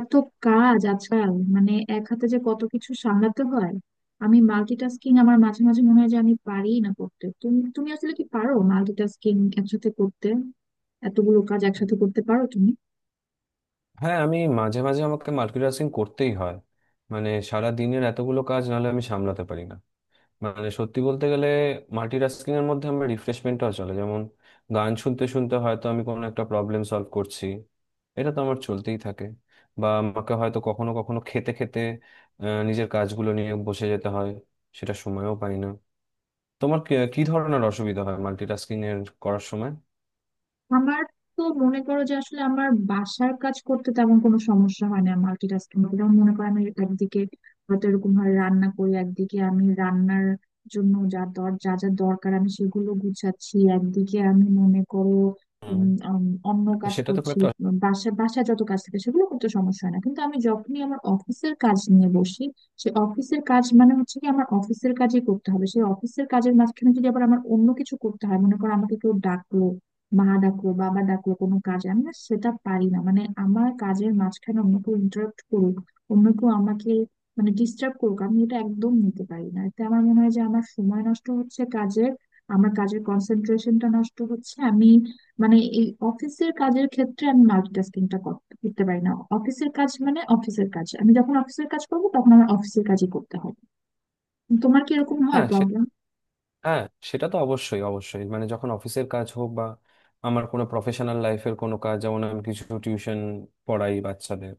এত কাজ আজকাল, মানে এক হাতে যে কত কিছু সামলাতে হয়। আমি মাল্টিটাস্কিং, আমার মাঝে মাঝে মনে হয় যে আমি পারি না করতে। তুমি তুমি আসলে কি পারো মাল্টিটাস্কিং একসাথে করতে? এতগুলো কাজ একসাথে করতে পারো তুমি? হ্যাঁ, আমি মাঝে মাঝে আমাকে মাল্টিটাস্কিং করতেই হয়। মানে সারা দিনের এতগুলো কাজ নাহলে আমি সামলাতে পারি না। মানে সত্যি বলতে গেলে মাল্টিটাস্কিং এর মধ্যে আমার রিফ্রেশমেন্টও চলে, যেমন গান শুনতে শুনতে হয়তো আমি কোনো একটা প্রবলেম সলভ করছি। এটা তো আমার চলতেই থাকে। বা আমাকে হয়তো কখনো কখনো খেতে খেতে নিজের কাজগুলো নিয়ে বসে যেতে হয়। সেটা সময়ও পাই না। তোমার কি কি ধরনের অসুবিধা হয় মাল্টিটাস্কিং এর করার সময়? আমার তো মনে করো যে আসলে আমার বাসার কাজ করতে তেমন কোনো সমস্যা হয় না মাল্টিটাস্কিং করতে। যেমন মনে করো আমি একদিকে হয়তো এরকম হয় রান্না করি, একদিকে আমি রান্নার জন্য যা যা দরকার আমি সেগুলো গুছাচ্ছি, একদিকে আমি মনে করো হুম। উম, আম, অন্য তো কাজ সেটা তো খুব করছি। একটা। বাসা বাসা যত কাজ থাকে সেগুলো করতে সমস্যা হয় না, কিন্তু আমি যখনই আমার অফিসের কাজ নিয়ে বসি, সে অফিসের কাজ মানে হচ্ছে কি আমার অফিসের কাজই করতে হবে। সেই অফিসের কাজের মাঝখানে যদি আবার আমার অন্য কিছু করতে হয়, মনে করো আমাকে কেউ ডাকলো, মা ডাকলো, বাবা ডাকলো কোনো কাজে, আমি না সেটা পারি না। মানে আমার কাজের মাঝখানে অন্য কেউ ইন্টারাপ্ট করুক, অন্য কেউ আমাকে মানে ডিস্টার্ব করুক, আমি এটা একদম নিতে পারি না। এতে আমার মনে হয় যে আমার সময় নষ্ট হচ্ছে কাজের, আমার কাজের কনসেন্ট্রেশনটা নষ্ট হচ্ছে। আমি মানে এই অফিসের কাজের ক্ষেত্রে আমি মাল্টিটাস্কিংটা করতে পারি না। অফিসের কাজ মানে অফিসের কাজ, আমি যখন অফিসের কাজ করবো তখন আমার অফিসের কাজই করতে হবে। তোমার কি এরকম হয় হ্যাঁ। প্রবলেম? হ্যাঁ। সেটা তো অবশ্যই অবশ্যই, মানে যখন অফিসের কাজ হোক বা আমার কোনো প্রফেশনাল লাইফের কোনো কাজ, যেমন আমি কিছু টিউশন পড়াই বাচ্চাদের।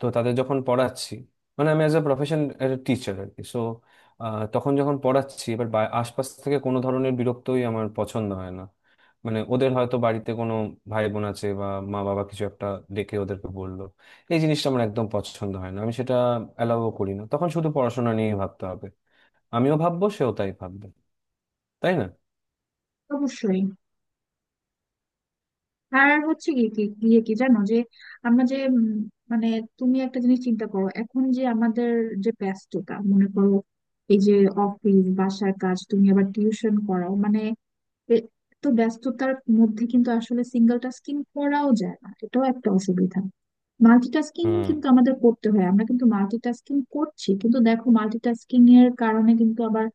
তো তাদের যখন পড়াচ্ছি, মানে আমি অ্যাজ এ প্রফেশন টিচার আর কি, সো তখন যখন পড়াচ্ছি এবার আশপাশ থেকে কোনো ধরনের বিরক্তই আমার পছন্দ হয় না। মানে ওদের হয়তো বাড়িতে কোনো ভাই বোন আছে বা মা বাবা কিছু একটা ডেকে ওদেরকে বললো, এই জিনিসটা আমার একদম পছন্দ হয় না। আমি সেটা অ্যালাউও করি না, তখন শুধু পড়াশোনা নিয়ে ভাবতে হবে। আমিও ভাববো, সেও তাই ভাববে, তাই না? অবশ্যই। আর হচ্ছে কি, কি গিয়ে কি জানো যে আমরা যে মানে, তুমি একটা জিনিস চিন্তা করো এখন, যে আমাদের যে ব্যস্ততা মনে করো, এই যে অফিস, বাসার কাজ, তুমি আবার টিউশন করাও, মানে এ- এত ব্যস্ততার মধ্যে কিন্তু আসলে সিঙ্গেল টাস্কিং করাও যায় না, এটাও একটা অসুবিধা। মাল্টিটাস্কিং হুম। কিন্তু আমাদের করতে হয়, আমরা কিন্তু মাল্টিটাস্কিং করছি। কিন্তু দেখো মাল্টিটাস্কিং এর কারণে কিন্তু আবার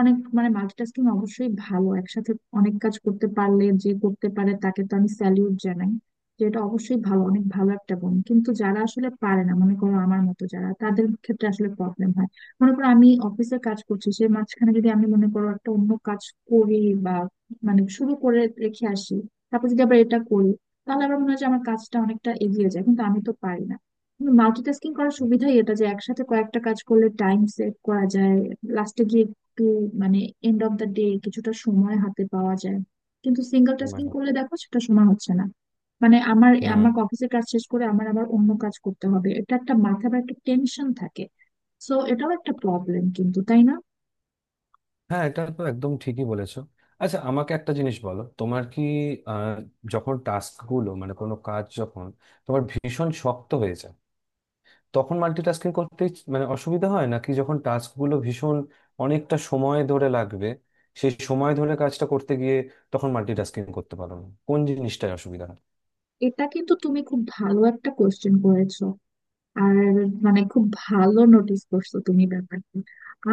অনেক মানে, মাল্টিটাস্কিং অবশ্যই ভালো। একসাথে অনেক কাজ করতে পারলে, যে করতে পারে তাকে তো আমি স্যালিউট জানাই, যে এটা অবশ্যই ভালো, অনেক ভালো একটা গুণ। কিন্তু যারা আসলে পারে না, মনে করো আমার মতো যারা, তাদের ক্ষেত্রে আসলে প্রবলেম হয়। মনে করো আমি অফিসের কাজ করছি, সে মাঝখানে যদি আমি মনে করো একটা অন্য কাজ করি, বা মানে শুরু করে রেখে আসি, তারপর যদি আবার এটা করি, তাহলে আমার মনে হয় যে আমার কাজটা অনেকটা এগিয়ে যায়, কিন্তু আমি তো পারি না। মাল্টিটাস্কিং করার সুবিধাই এটা যে একসাথে কয়েকটা কাজ করলে টাইম সেভ করা যায়, লাস্টে গিয়ে একটু মানে এন্ড অফ দ্য ডে কিছুটা সময় হাতে পাওয়া যায়। কিন্তু সিঙ্গেল মনে টাস্কিং হয়। করলে দেখো সেটা সময় হচ্ছে না। মানে আমার হুম। আমার অফিসের কাজ শেষ করে আমার আবার অন্য কাজ করতে হবে, এটা একটা মাথা বা একটা টেনশন থাকে। সো এটাও একটা প্রবলেম কিন্তু, তাই না? হ্যাঁ, এটা তো একদম ঠিকই বলেছো। আচ্ছা, আমাকে একটা জিনিস বলো, তোমার কি আহ, যখন টাস্ক গুলো, মানে কোনো কাজ যখন তোমার ভীষণ শক্ত হয়ে যায়, তখন মাল্টিটাস্কিং করতে মানে অসুবিধা হয় নাকি যখন টাস্ক গুলো ভীষণ অনেকটা সময় ধরে লাগবে, সেই সময় ধরে কাজটা করতে গিয়ে তখন মাল্টিটাস্কিং করতে পারো না? কোন জিনিসটায় অসুবিধা হয়? এটা কিন্তু তুমি খুব ভালো একটা কোশ্চেন করেছো। আর মানে খুব ভালো নোটিস করছো তুমি ব্যাপারটা।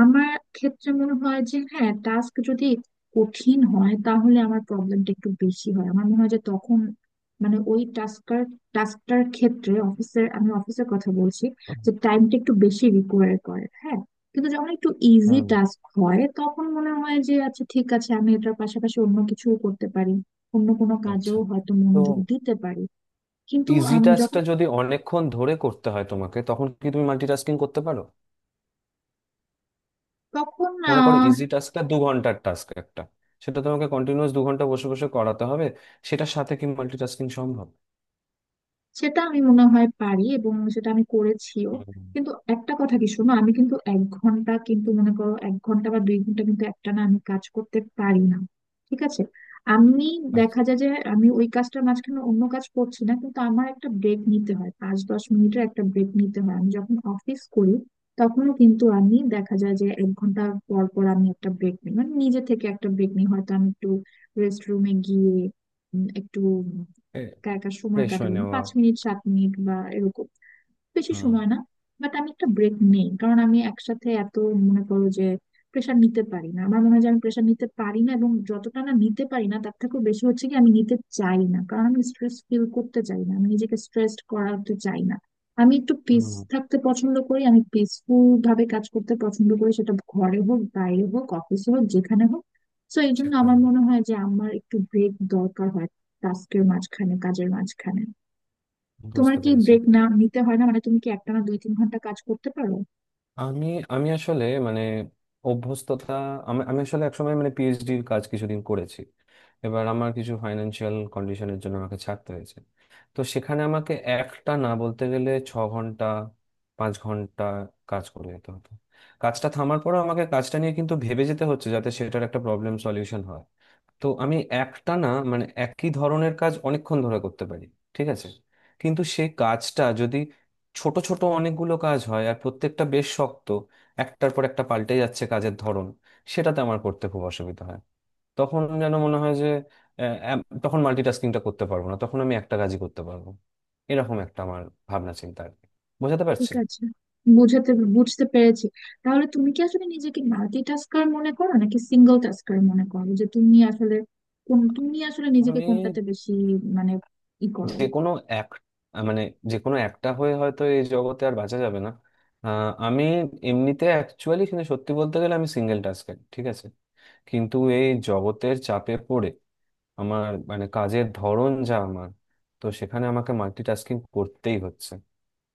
আমার ক্ষেত্রে মনে হয় যে হ্যাঁ, টাস্ক যদি কঠিন হয় তাহলে আমার প্রবলেমটা একটু বেশি হয়। আমার মনে হয় যে তখন মানে ওই টাস্কটার টাস্কটার ক্ষেত্রে, অফিসের, আমি অফিসের কথা বলছি, যে টাইমটা একটু বেশি রিকোয়ার করে, হ্যাঁ। কিন্তু যখন একটু ইজি হুম। টাস্ক হয় তখন মনে হয় যে আচ্ছা ঠিক আছে, আমি এটার পাশাপাশি অন্য কিছুও করতে পারি, অন্য কোনো আচ্ছা। কাজেও হয়তো তো মনোযোগ দিতে পারি। কিন্তু ইজি আমি টাস্কটা যখন যদি অনেকক্ষণ ধরে করতে হয় তোমাকে, তখন কি তুমি মাল্টিটাস্কিং করতে পারো? তখন, মনে করো ইজি টাস্কটা 2 ঘন্টার টাস্ক একটা, সেটা তোমাকে কন্টিনিউয়াস 2 ঘন্টা বসে বসে করাতে হবে, সেটার সাথে কি মাল্টিটাস্কিং সম্ভব? সেটা আমি মনে হয় পারি, এবং সেটা আমি করেছিও। হুম। কিন্তু একটা কথা কি শোনো, আমি কিন্তু 1 ঘন্টা, কিন্তু মনে করো 1 ঘন্টা বা 2 ঘন্টা কিন্তু একটানা আমি কাজ করতে পারি না, ঠিক আছে। আমি দেখা যায় যে আমি ওই কাজটার মাঝখানে অন্য কাজ করছি না, কিন্তু আমার একটা ব্রেক নিতে হয়, 5-10 মিনিটের একটা ব্রেক নিতে হয়। আমি যখন অফিস করি তখনও কিন্তু আমি দেখা যায় যে 1 ঘন্টা পর পর আমি একটা ব্রেক নিই, মানে নিজে থেকে একটা ব্রেক নিই। হয়তো আমি একটু রেস্ট রুমে গিয়ে একটু এ একা একা সময় ফ্রেশ হয়ে কাটালেন, নেওয়া। 5 মিনিট 7 মিনিট বা এরকম, বেশি হুম, সময় না। বাট আমি একটা ব্রেক নেই, কারণ আমি একসাথে এত মনে করো যে প্রেশার নিতে পারি না। আমার মনে হয় যে আমি প্রেশার নিতে পারি না, এবং যতটা না নিতে পারি না তার থেকেও বেশি হচ্ছে কি আমি নিতে চাই না, কারণ আমি স্ট্রেস ফিল করতে চাই না, আমি নিজেকে স্ট্রেসড করাতে চাই না। আমি একটু পিস হুম। থাকতে পছন্দ করি, আমি পিসফুল ভাবে কাজ করতে পছন্দ করি, সেটা ঘরে হোক, বাইরে হোক, অফিসে হোক, যেখানে হোক। তো এই জন্য আমার সেখানে। মনে হয় যে আমার একটু ব্রেক দরকার হয় টাস্কের মাঝখানে, কাজের মাঝখানে। তোমার বুঝতে কি পেরেছি। ব্রেক না নিতে হয় না, মানে তুমি কি একটানা 2-3 ঘন্টা কাজ করতে পারো? আমি আমি আসলে মানে অভ্যস্ততা, আমি আমি আসলে একসময় মানে পিএইচডির কাজ কিছুদিন করেছি। এবার আমার কিছু ফাইন্যান্সিয়াল কন্ডিশনের জন্য আমাকে ছাড়তে হয়েছে। তো সেখানে আমাকে একটা না বলতে গেলে 6 ঘন্টা 5 ঘন্টা কাজ করে যেতে হতো। কাজটা থামার পরেও আমাকে কাজটা নিয়ে কিন্তু ভেবে যেতে হচ্ছে, যাতে সেটার একটা প্রবলেম সলিউশন হয়। তো আমি একটা না মানে একই ধরনের কাজ অনেকক্ষণ ধরে করতে পারি, ঠিক আছে। কিন্তু সেই কাজটা যদি ছোট ছোট অনেকগুলো কাজ হয় আর প্রত্যেকটা বেশ শক্ত, একটার পর একটা পাল্টে যাচ্ছে কাজের ধরন, সেটাতে আমার করতে খুব অসুবিধা হয়। তখন যেন মনে হয় যে তখন মাল্টিটাস্কিংটা করতে পারবো না, তখন আমি একটা কাজই করতে পারবো। এরকম একটা আমার ভাবনা চিন্তা আর কি, বোঝাতে ঠিক পারছি? আছে, বুঝাতে বুঝতে পেরেছি। তাহলে তুমি কি আসলে নিজেকে মাল্টিটাস্কার মনে করো নাকি সিঙ্গেল টাস্কার মনে করো, যে তুমি আসলে কোন, তুমি আসলে নিজেকে আমি কোনটাতে বেশি মানে ই করো? যে কোনো এক মানে যে কোনো একটা হয়ে হয়তো এই জগতে আর বাঁচা যাবে না। আমি এমনিতে অ্যাকচুয়ালি কিন্তু সত্যি বলতে গেলে আমি সিঙ্গেল টাস্কার, ঠিক আছে। কিন্তু এই জগতের চাপে পড়ে আমার মানে কাজের ধরন যা আমার, তো সেখানে আমাকে মাল্টিটাস্কিং করতেই হচ্ছে।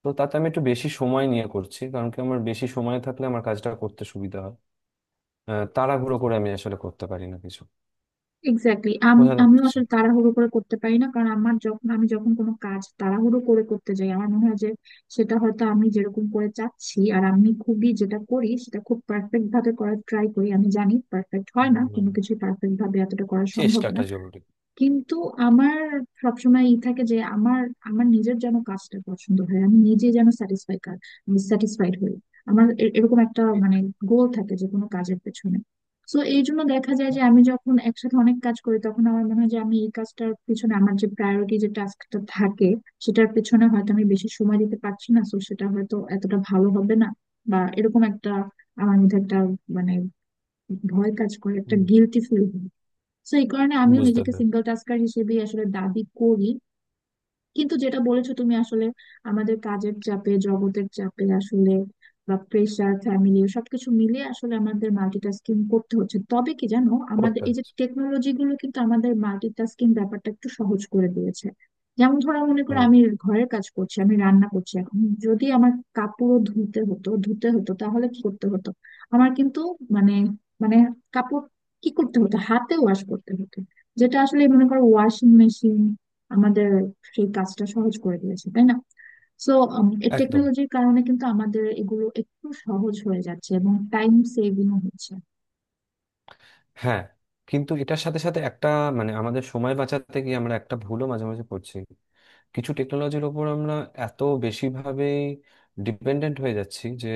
তো তাতে আমি একটু বেশি সময় নিয়ে করছি, কারণ কি আমার বেশি সময় থাকলে আমার কাজটা করতে সুবিধা হয়। তাড়াহুড়ো করে আমি আসলে করতে পারি না কিছু। এক্স্যাক্টলি, আমি বোঝাতে আমিও পারছি। আসলে তাড়াহুড়ো করে করতে পারি না, কারণ আমার যখন, আমি যখন কোনো কাজ তাড়াহুড়ো করে করতে যাই, আমার মনে হয় যে সেটা হয়তো আমি যেরকম করে চাচ্ছি। আর আমি খুবই যেটা করি সেটা খুব পারফেক্ট ভাবে করার ট্রাই করি। আমি জানি পারফেক্ট হয় না হুম। কোনো কিছু, পারফেক্ট ভাবে এতটা করা সম্ভব না, চেষ্টাটা জরুরি। কিন্তু আমার সবসময় ই থাকে যে আমার, আমার নিজের যেন কাজটা পছন্দ হয়, আমি নিজে যেন স্যাটিসফাইড হই। আমার এরকম একটা মানে গোল থাকে যে কোনো কাজের পেছনে। তো এই জন্য দেখা যায় যে আমি যখন একসাথে অনেক কাজ করি তখন আমার মনে হয় যে আমি এই কাজটার পিছনে, আমার যে প্রায়োরিটি যে টাস্কটা থাকে সেটার পেছনে হয়তো আমি বেশি সময় দিতে পারছি না, তো সেটা হয়তো এতটা ভালো হবে না, বা এরকম একটা আমার মধ্যে একটা মানে ভয় কাজ করে, একটা হুম। Guilty feel. তো এই কারণে আমিও বুঝতে নিজেকে পেরেছি। সিঙ্গেল টাস্কার হিসেবে আসলে দাবি করি। কিন্তু যেটা বলেছো তুমি আসলে, আমাদের কাজের চাপে, জগতের চাপে আসলে, বা প্রেশার, ফ্যামিলি সবকিছু মিলিয়ে আসলে আমাদের মাল্টিটাস্কিং করতে হচ্ছে। তবে কি জানো, আমাদের করতে এই যে হচ্ছে। টেকনোলজি গুলো কিন্তু আমাদের মাল্টিটাস্কিং ব্যাপারটা একটু সহজ করে দিয়েছে। যেমন ধরো, মনে করো হুম। আমি ঘরের কাজ করছি, আমি রান্না করছি, এখন যদি আমার কাপড় ধুতে হতো, তাহলে কি করতে হতো? আমার কিন্তু মানে, মানে কাপড়, কি করতে হতো, হাতে ওয়াশ করতে হতো, যেটা আসলে মনে করো ওয়াশিং মেশিন আমাদের সেই কাজটা সহজ করে দিয়েছে, তাই না? সো এই একদম। টেকনোলজির কারণে কিন্তু আমাদের এগুলো একটু সহজ হয়ে যাচ্ছে এবং টাইম সেভিং হচ্ছে। হ্যাঁ। কিন্তু এটার সাথে সাথে একটা মানে আমাদের সময় বাঁচাতে গিয়ে আমরা একটা ভুলও মাঝে মাঝে করছি, কিছু টেকনোলজির ওপর আমরা এত বেশিভাবেই ডিপেন্ডেন্ট হয়ে যাচ্ছি যে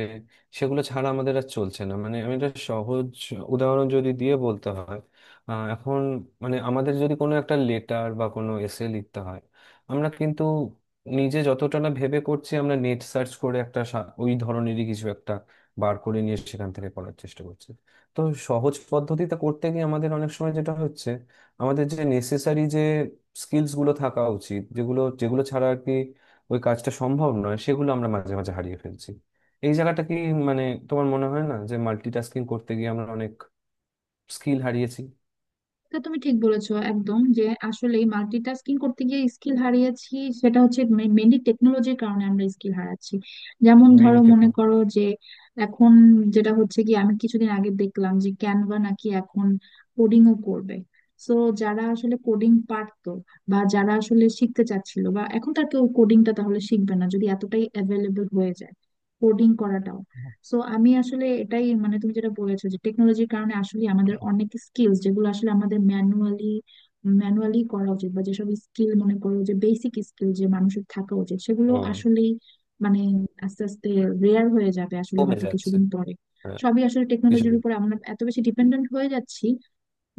সেগুলো ছাড়া আমাদের আর চলছে না। মানে আমি একটা সহজ উদাহরণ যদি দিয়ে বলতে হয়, এখন মানে আমাদের যদি কোনো একটা লেটার বা কোনো এসে লিখতে হয়, আমরা কিন্তু নিজে যতটা না ভেবে করছি, আমরা নেট সার্চ করে একটা ওই ধরনেরই কিছু একটা বার করে নিয়ে সেখান থেকে পড়ার চেষ্টা করছি। তো সহজ পদ্ধতিতে করতে গিয়ে আমাদের অনেক সময় যেটা হচ্ছে, আমাদের যে নেসেসারি যে স্কিলস গুলো থাকা উচিত, যেগুলো যেগুলো ছাড়া আর কি ওই কাজটা সম্ভব নয়, সেগুলো আমরা মাঝে মাঝে হারিয়ে ফেলছি। এই জায়গাটা কি মানে তোমার মনে হয় না যে মাল্টিটাস্কিং করতে গিয়ে আমরা অনেক স্কিল হারিয়েছি? তা তুমি ঠিক বলেছো একদম, যে আসলে মাল্টিটাস্কিং করতে গিয়ে স্কিল হারিয়েছি সেটা হচ্ছে মেনলি টেকনোলজির কারণে আমরা স্কিল হারাচ্ছি। যেমন মেন ধরো, ইট তো। মনে করো যে এখন যেটা হচ্ছে কি, আমি কিছুদিন আগে দেখলাম যে ক্যানভা নাকি এখন কোডিংও করবে। সো যারা আসলে কোডিং পারতো বা যারা আসলে শিখতে চাচ্ছিল, বা এখন তার কেউ কোডিংটা তাহলে শিখবে না যদি এতটাই অ্যাভেলেবল হয়ে যায় কোডিং করাটাও। সো আমি আসলে এটাই মানে, তুমি যেটা বলেছো যে টেকনোলজির কারণে আসলে আমাদের অনেক স্কিলস যেগুলো আসলে আমাদের ম্যানুয়ালি ম্যানুয়ালি করা উচিত, বা যেসব স্কিল মনে করো যে বেসিক স্কিল যে মানুষের থাকা উচিত, সেগুলো হুম। আসলেই মানে আস্তে আস্তে রেয়ার হয়ে যাবে আসলে, কমে হয়তো যাচ্ছে। কিছুদিন পরে। হ্যাঁ। সবই আসলে টেকনোলজির কিছুদিন। উপর আমরা এত বেশি ডিপেন্ডেন্ট হয়ে যাচ্ছি।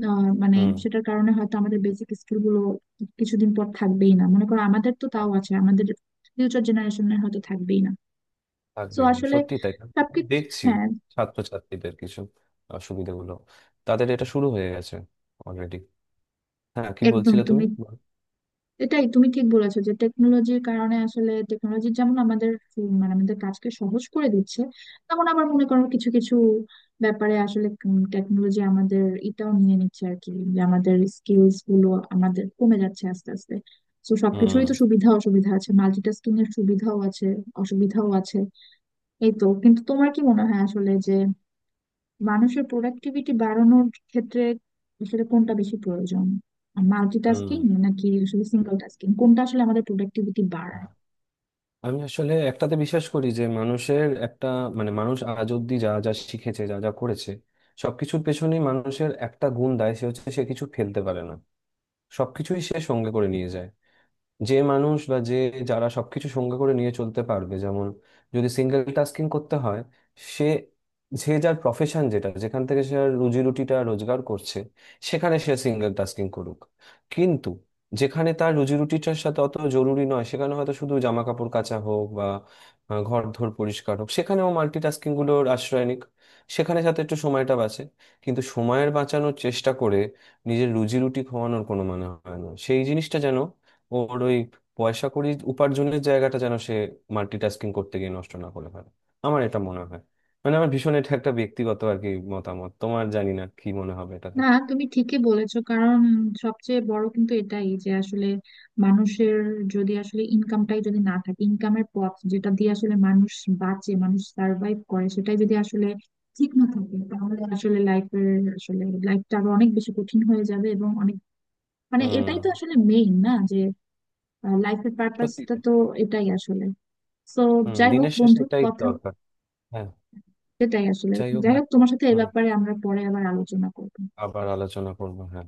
মানে হুম সেটার কারণে হয়তো আমাদের বেসিক স্কিল গুলো কিছুদিন পর থাকবেই না। মনে করো আমাদের তো আর। তাও আছে, আমাদের ফিউচার জেনারেশনের হয়তো থাকবেই না। সো থাকবেই না। আসলে সত্যি তাই। সবকিছু, দেখছি হ্যাঁ। ছাত্রছাত্রীদের কিছু অসুবিধাগুলো, তাদের এটা শুরু হয়ে গেছে অলরেডি। হ্যাঁ, কি একদম বলছিলে তুমি? তুমি, এটাই তুমি ঠিক বলেছো, যে টেকনোলজির কারণে আসলে টেকনোলজি যেমন আমাদের মানে আমাদের কাজকে সহজ করে দিচ্ছে, তেমন আবার মনে করো কিছু কিছু ব্যাপারে আসলে টেকনোলজি আমাদের এটাও নিয়ে নিচ্ছে আর কি, যে আমাদের স্কিলস গুলো আমাদের কমে যাচ্ছে আস্তে আস্তে। তো হুম সবকিছুরই তো সুবিধা অসুবিধা আছে, মাল্টিটাস্কিং এর সুবিধাও আছে, অসুবিধাও আছে, এই তো। কিন্তু তোমার কি মনে হয় আসলে যে মানুষের প্রোডাক্টিভিটি বাড়ানোর ক্ষেত্রে আসলে কোনটা বেশি প্রয়োজন, হুম। মাল্টিটাস্কিং নাকি আসলে সিঙ্গেল টাস্কিং, কোনটা আসলে আমাদের প্রোডাক্টিভিটি বাড়ায়? আমি আসলে একটাতে বিশ্বাস করি, যে মানুষের একটা মানে মানুষ আজ অব্দি যা যা শিখেছে যা যা করেছে সবকিছুর পেছনেই মানুষের একটা গুণ দেয়, সে হচ্ছে সে কিছু ফেলতে পারে না, সবকিছুই সে সঙ্গে করে নিয়ে যায়। যে মানুষ বা যে যারা সবকিছু সঙ্গে করে নিয়ে চলতে পারবে, যেমন যদি সিঙ্গেল টাস্কিং করতে হয়, সে যে যার প্রফেশন যেটা যেখান থেকে সে আর রুজি রুটিটা রোজগার করছে, সেখানে সে সিঙ্গেল টাস্কিং করুক। কিন্তু যেখানে তার রুজি রুটিটার সাথে অত জরুরি নয়, সেখানে হয়তো শুধু জামা কাপড় কাচা হোক বা ঘর ধর পরিষ্কার হোক, সেখানেও মাল্টিটাস্কিং গুলোর আশ্রয় নিক। সেখানে সাথে একটু সময়টা বাঁচে। কিন্তু সময়ের বাঁচানোর চেষ্টা করে নিজের রুজি রুটি খোয়ানোর কোনো মানে হয় না, সেই জিনিসটা যেন, ওর ওই পয়সা কড়ি উপার্জনের জায়গাটা যেন সে মাল্টিটাস্কিং করতে গিয়ে নষ্ট না করে ফেলে, আমার এটা মনে হয়। মানে আমার ভীষণ এটা একটা ব্যক্তিগত আর কি মতামত, তোমার জানি না কি মনে হবে এটাতে। না, তুমি ঠিকই বলেছো, কারণ সবচেয়ে বড় কিন্তু এটাই যে আসলে মানুষের যদি আসলে ইনকামটাই যদি না থাকে, ইনকামের পথ যেটা দিয়ে আসলে মানুষ বাঁচে, মানুষ সার্ভাইভ করে, সেটাই যদি আসলে ঠিক না থাকে তাহলে আসলে লাইফের, আসলে লাইফটা আরো অনেক বেশি কঠিন হয়ে যাবে এবং অনেক মানে হুম, এটাই তো আসলে মেইন না, যে আর লাইফের সত্যি পারপাসটা তাই। তো এটাই আসলে। তো হুম, যাই হোক দিনের শেষে বন্ধু, এটাই কথা দরকার। হ্যাঁ, এটাই আসলে, যাই হোক, যাই হ্যাঁ। হোক, তোমার সাথে এই হুম, ব্যাপারে আমরা পরে আবার আলোচনা করবো। আবার আলোচনা করবো, হ্যাঁ।